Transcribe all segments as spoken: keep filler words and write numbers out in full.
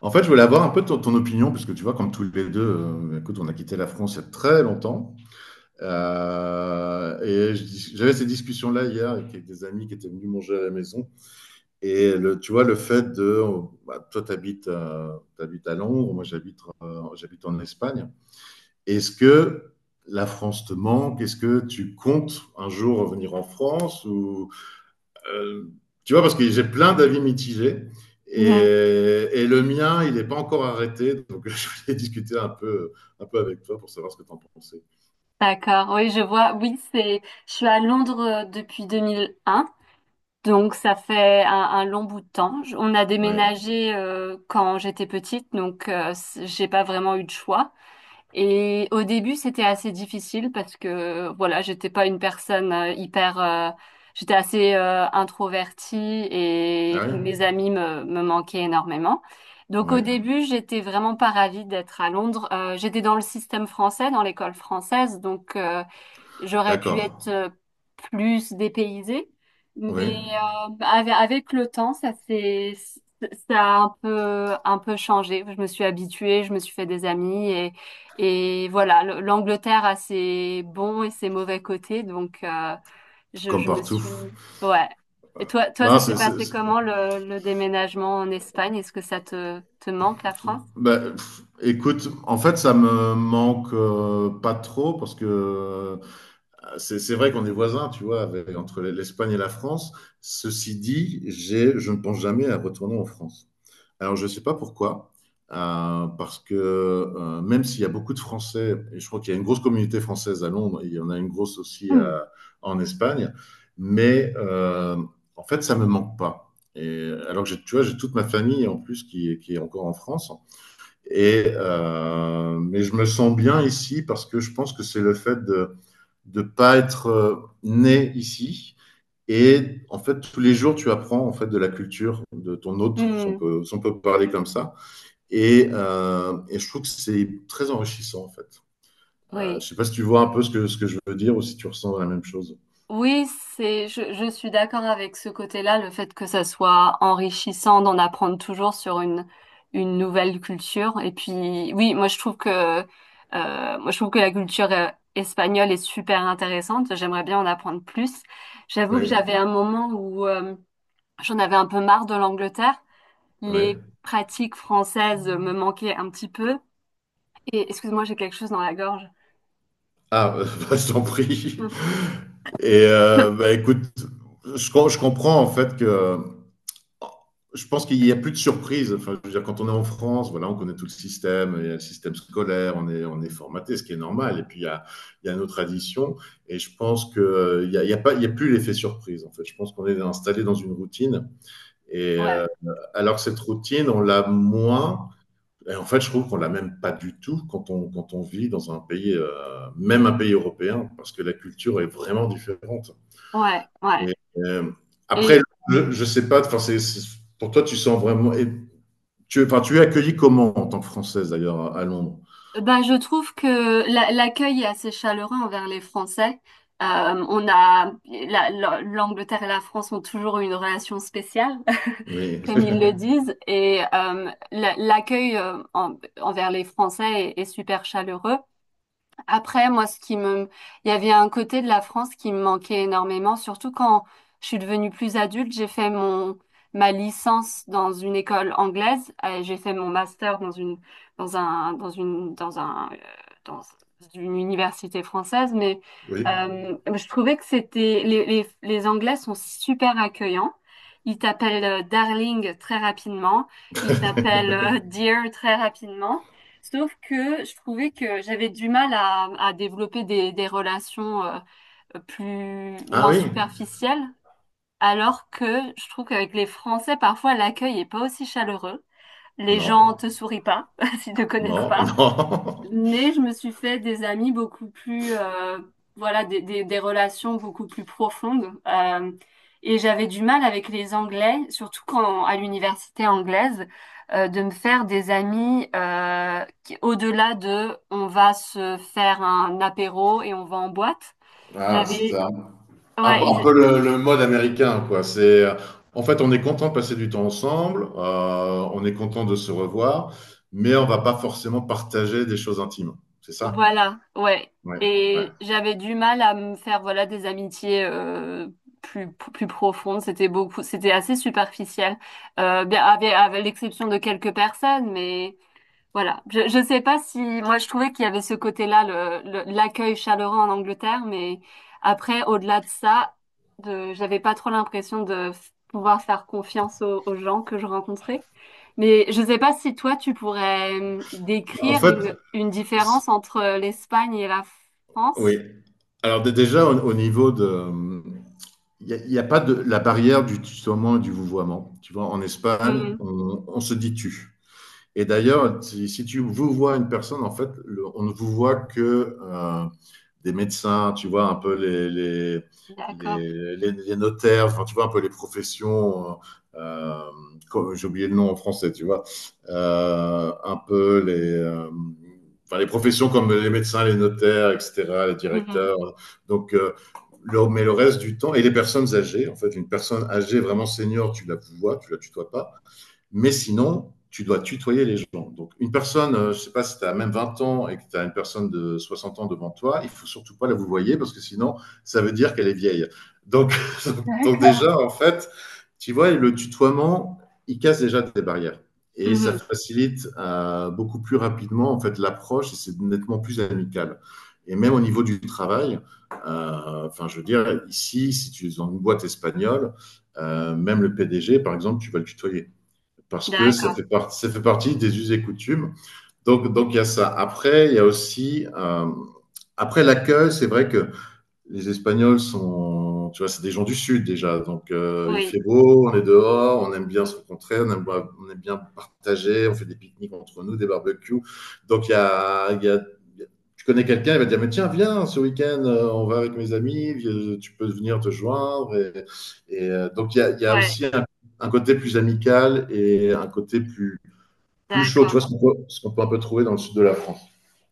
En fait, je voulais avoir un peu ton, ton opinion, parce que tu vois, comme tous les deux, euh, écoute, on a quitté la France il y a très longtemps. Euh, et je dis- j'avais ces discussions-là hier avec des amis qui étaient venus manger à la maison. Et le, tu vois, le fait de. Bah, toi, tu t'habites à Londres, moi, j'habite euh, j'habite en Espagne. Est-ce que la France te manque? Est-ce que tu comptes un jour revenir en France? Ou euh, tu vois, parce que j'ai plein d'avis mitigés. Mhm. Et, et, le mien, il n'est pas encore arrêté. Donc, je voulais discuter un peu, un peu avec toi pour savoir ce que tu en pensais. D'accord, oui, je vois. Oui, c'est. Je suis à Londres euh, depuis deux mille un, donc ça fait un, un long bout de temps. Je- On a Oui. déménagé euh, quand j'étais petite, donc euh, c- j'ai pas vraiment eu de choix. Et au début, c'était assez difficile parce que voilà, j'étais pas une personne euh, hyper, euh, j'étais assez euh, introvertie et Ah oui. mes amis me, me manquaient énormément. Donc au Ouais. début, j'étais vraiment pas ravie d'être à Londres. Euh, j'étais dans le système français, dans l'école française, donc euh, j'aurais pu D'accord. être euh, plus dépaysée, mais Oui. euh, ave- avec le temps, ça s'est, ça a un peu, un peu changé. Je me suis habituée, je me suis fait des amis et, et voilà, le- l'Angleterre a ses bons et ses mauvais côtés, donc euh, je, Comme je me partout. suis, ouais. Et toi, toi, Non, ça s'est c'est, c'est- passé c'est- comment le, le déménagement en Espagne? Est-ce que ça te, te manque la France? bah, pff, écoute, en fait, ça me manque euh, pas trop parce que C'est c'est vrai qu'on est voisins, tu vois, avec- entre l'Espagne et la France. Ceci dit, j'ai, je ne pense jamais à retourner en France. Alors, je ne sais pas pourquoi, euh, parce que euh, même s'il y a beaucoup de Français, et je crois qu'il y a une grosse communauté française à Londres, et il y en a une grosse aussi Hmm. à- en Espagne, mais euh, en fait, ça ne me manque pas. Et, alors que j'ai- tu vois, j'ai toute ma famille en plus qui, est- qui est encore en France. Et, euh, mais je me sens bien ici parce que je pense que c'est le fait de de ne pas être euh, né ici. Et en fait, tous les jours, tu apprends en fait de la culture de ton autre si on Hmm. peut, si on peut parler comme ça. Et, euh, et je trouve que c'est très enrichissant en fait. Euh, je ne Oui. sais pas si tu vois un peu ce que, ce que je veux dire ou si tu ressens la même chose. Oui, c'est, je, je suis d'accord avec ce côté-là, le fait que ça soit enrichissant d'en apprendre toujours sur une, une nouvelle culture. Et puis, oui, moi je trouve que, euh, moi je trouve que la culture euh, espagnole est super intéressante. J'aimerais bien en apprendre plus. J'avoue que j'avais Oui, un moment où euh, j'en avais un peu marre de l'Angleterre. oui. Les pratiques françaises me manquaient un petit peu. Et excuse-moi, j'ai quelque chose dans la gorge. Ah, euh, bah, je t'en prie. Et euh, bah, écoute, je, je, comprends en fait que je pense qu'il n'y a plus de surprise. Enfin, je veux dire, quand on est en France, voilà, on connaît tout le système, il y a le système scolaire, on est, on est formaté, ce qui est normal. Et puis, il y a, il y a nos traditions. Et je pense qu'il n'y a, il y a, pas- il y a plus l'effet surprise, en fait. Je pense qu'on est installé dans une routine. Et euh, Ouais, alors que cette routine, on l'a moins. Et en fait, je trouve qu'on l'a même pas du tout quand on, quand on vit dans un pays, euh, même un pays européen, parce que la culture est vraiment différente. ouais, ouais. Et, euh, Après, Et, le- je ne sais pas, enfin, c'est- c'est- pour toi, tu sens vraiment, et tu, enfin, tu es accueilli comment en tant que Française d'ailleurs à, à Londres? ben, je trouve que la- l'accueil est assez chaleureux envers les Français. Euh, on a la- la- l'Angleterre et la France ont toujours eu une relation spéciale, Oui. comme ils le disent, et euh, la- l'accueil euh, en- envers les Français est, est super chaleureux. Après, moi, ce qui me, il y avait un côté de la France qui me manquait énormément, surtout quand je suis devenue plus adulte. J'ai fait mon ma licence dans une école anglaise, euh, j'ai fait mon master dans une dans un dans une dans un euh, dans une université française, mais Oui. euh, je trouvais que c'était les, les les Anglais sont super accueillants. Ils t'appellent euh, darling très rapidement, ils t'appellent euh, dear très rapidement. Sauf que je trouvais que j'avais du mal à, à développer des, des relations euh, plus Ah, moins oui. superficielles, alors que je trouve qu'avec les Français, parfois l'accueil est pas aussi chaleureux. Les gens Non. te sourient pas s'ils te connaissent Non, pas. non. Mais je me suis fait des amis beaucoup plus, euh, voilà, des, des, des relations beaucoup plus profondes. Euh, et j'avais du mal avec les Anglais, surtout quand à l'université anglaise, euh, de me faire des amis euh, qui- au-delà de on va se faire un apéro et on va en boîte. Ah, c'est J'avais, un, un- ouais, un ils peu le, le mode américain, quoi. C'est, euh, en fait, on est content de passer du temps ensemble, euh, on est content de se revoir, mais on va pas forcément partager des choses intimes. C'est ça? voilà, ouais. Ouais, ouais. Et j'avais du mal à me faire voilà des amitiés euh, plus plus profondes. C'était beaucoup, c'était assez superficiel, euh, bien avec, avec l'exception de quelques personnes, mais voilà. Je, je sais pas si, moi, je trouvais qu'il y avait ce côté-là, le, le- l'accueil chaleureux en Angleterre, mais après, au-delà de ça, de, j'avais pas trop l'impression de f- pouvoir faire confiance aux, aux gens que je rencontrais. Mais je sais pas si toi, tu pourrais hum, En décrire fait, une, une c'est- différence entre l'Espagne et la oui. France. Alors dé- déjà au, au niveau de, Il n'y a, a, pas de la barrière du tutoiement et du vouvoiement. Tu vois, en Espagne, Mhm. on, on se dit tu. Et d'ailleurs, si, si tu vous vois une personne, en fait, le- on ne vous voit que euh, des médecins, tu vois, un peu les, les, D'accord. les, les- les notaires, enfin, tu vois, un peu les professions, euh, comme- j'ai oublié le nom en français, tu vois, euh, un peu les, euh, enfin, les professions comme les médecins, les notaires, et cetera, les Mhm. directeurs. Donc, euh, le- mais le reste du temps, et les personnes âgées, en fait, une personne âgée vraiment senior, tu la vois, tu la tutoies pas. Mais sinon, tu dois tutoyer les gens. Donc, une personne, euh, je ne sais pas si tu as même vingt ans et que tu as une personne de soixante ans devant toi, il ne faut surtout pas la vous voyez parce que sinon, ça veut dire qu'elle est vieille. Donc, donc D'accord. déjà, en fait, tu vois, le tutoiement, il casse déjà des barrières. Et ça Mhm. facilite euh, beaucoup plus rapidement en fait l'approche et c'est nettement plus amical. Et même au niveau du travail, euh, enfin, je veux dire, ici, si tu es dans une boîte espagnole, euh, même le P D G, par exemple, tu vas le tutoyer parce que ça D'accord. fait, part, ça fait partie des us et coutumes. Donc, donc il y a ça. Après, il y a aussi, euh, après l'accueil, c'est vrai que les Espagnols sont, tu vois, c'est des gens du sud déjà. Donc, euh, il fait Oui. beau, on est dehors, on aime bien se rencontrer, on aime, on aime bien partager, on fait des pique-niques entre nous, des barbecues. Donc, il y a, il y a- tu connais quelqu'un, il va te dire, mais tiens, viens, ce week-end, euh, on va avec mes amis, vi- tu peux venir te joindre. Et, et, euh, donc, il y a, il y a Ouais. aussi un, un côté plus amical et un côté plus, plus chaud, tu vois, ce D'accord. qu'on peut, ce qu'on peut un peu trouver dans le sud de la France.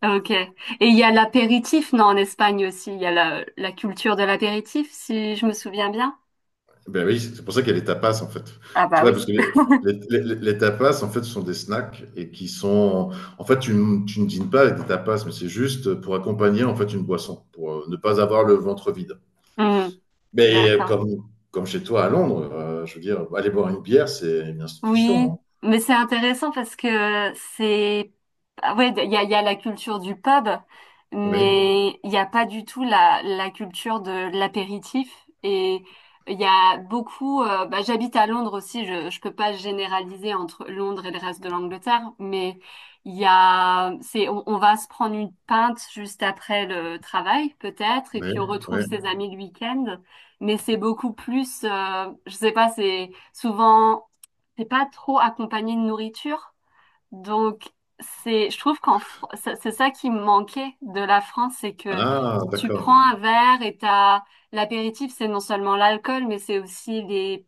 Ok. Et il y a l'apéritif, non, en Espagne aussi. Il y a la, la culture de l'apéritif, si je me souviens bien. Ben oui, c'est pour ça qu'il y a les tapas en fait. Ah Tu bah vois, oui. parce que les, les- les- les tapas en fait sont des snacks et qui sont. En fait, tu, ne- tu ne dînes pas avec des tapas, mais c'est juste pour accompagner en fait une boisson, pour euh, ne pas avoir le ventre vide. Hmm, Mais euh, d'accord. comme, comme chez toi à Londres, euh, je veux dire, aller boire une bière, c'est une institution, Oui, non? mais c'est intéressant parce que c'est... ah ouais, il y a, il y a la culture du pub, Oui, mais il n'y a pas du tout la, la culture de l'apéritif. Et il y a beaucoup... euh, bah, j'habite à Londres aussi, je je peux pas généraliser entre Londres et le reste de l'Angleterre, mais il y a... c'est, on, on va se prendre une pinte juste après le travail, peut-être, et oui, puis on retrouve oui. ses amis le week-end. Mais c'est beaucoup plus... euh, je sais pas, c'est souvent t'es pas trop accompagné de nourriture. Donc, c'est, je trouve qu'en, Fr- ça- c'est ça qui me manquait de la France, c'est que Ah, tu prends un d'accord. verre et t'as, l'apéritif, c'est non seulement l'alcool, mais c'est aussi les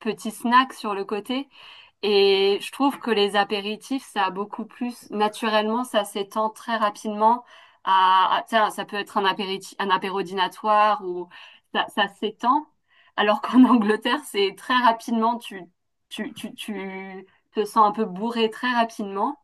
petits snacks sur le côté. Et je trouve que les apéritifs, ça a beaucoup plus, naturellement, ça s'étend très rapidement à, à- tiens, ça peut être un apéritif, un apéro dînatoire ou ça, ça s'étend. Alors qu'en Angleterre, c'est très rapidement, tu, tu, tu, tu te sens un peu bourré très rapidement.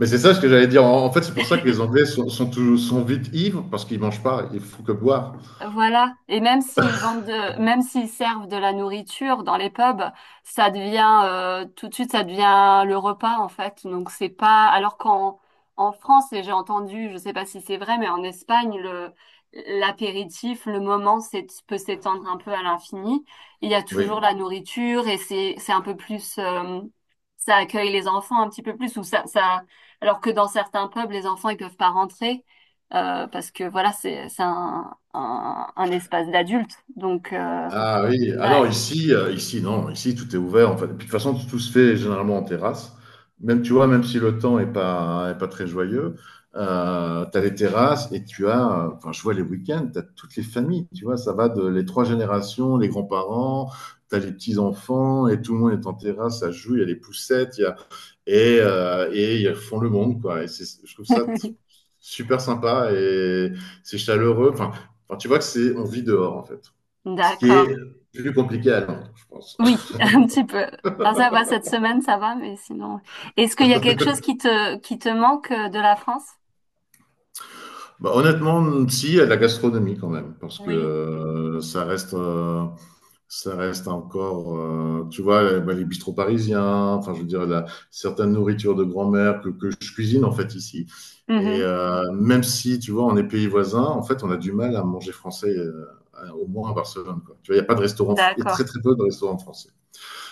Mais c'est ça ce que j'allais dire. En, en fait, c'est pour ça que les Anglais sont, sont, tous- sont vite ivres parce qu'ils mangent pas, ils font que boire. Voilà. Et même s'ils vendent de, même s'ils servent de la nourriture dans les pubs, ça devient, euh, tout de suite, ça devient le repas, en fait. Donc, c'est pas, alors qu'en, en France, et j'ai entendu, je sais pas si c'est vrai, mais en Espagne, le, l'apéritif, le moment, c'est, peut s'étendre un peu à l'infini. Il y a toujours Oui. la nourriture et c'est, c'est un peu plus, euh, ça accueille les enfants un petit peu plus ou ça, ça, alors que dans certains pubs, les enfants, ils peuvent pas rentrer euh, parce que voilà, c'est c'est un, un, un espace d'adulte. Donc, euh, Ah oui, ah ouais. non, ici, euh, ici, non, ici, tout est ouvert, en fait. Et puis, de toute façon, tout se fait généralement en terrasse. Même, tu vois, même si le temps est pas, est pas très joyeux, euh, tu as les terrasses et tu as, euh, enfin, je vois les week-ends, tu as toutes les familles, tu vois, ça va de les trois générations, les grands-parents, tu as les petits-enfants et tout le monde est en terrasse, ça joue, il y a les poussettes, il y a, et, euh, et ils font le monde, quoi. Et c'est- je trouve ça t- super sympa et c'est chaleureux. Enfin, enfin, tu vois que c'est, on vit dehors, en fait. Ce qui est D'accord. plus compliqué à Londres, je pense. Oui, un petit peu. Ah, ça va, cette semaine, ça va, mais sinon. Est-ce qu'il y a quelque chose qui te, qui te manque euh, de la France? Bah, honnêtement, si, à la gastronomie quand même, parce que Oui. euh, ça reste, euh, ça reste encore, euh, tu vois, les, bah, les bistrots parisiens, enfin, je veux dire, la, certaines nourritures de grand-mère que, que je cuisine en fait ici. Et Mhm. Euh, même si, tu vois, on est pays voisins, en fait, on a du mal à manger français, euh, à- au moins à Barcelone, quoi. Tu vois, il n'y a pas de restaurant, il y a D'accord. très très peu de restaurants français.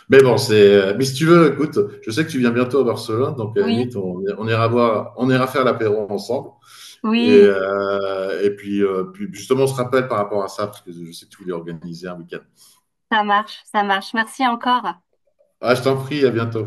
Mais bon, c'est. Euh, Mais si tu veux, écoute, je sais que tu viens bientôt à Barcelone, donc à la Oui, limite, on, on ira voir, on ira faire l'apéro ensemble. Et, oui, euh, et puis, euh, puis, justement, on se rappelle par rapport à ça, parce que je sais que tu voulais organiser un week-end. ça marche, ça marche. Merci encore. Ah, je t'en prie, à bientôt.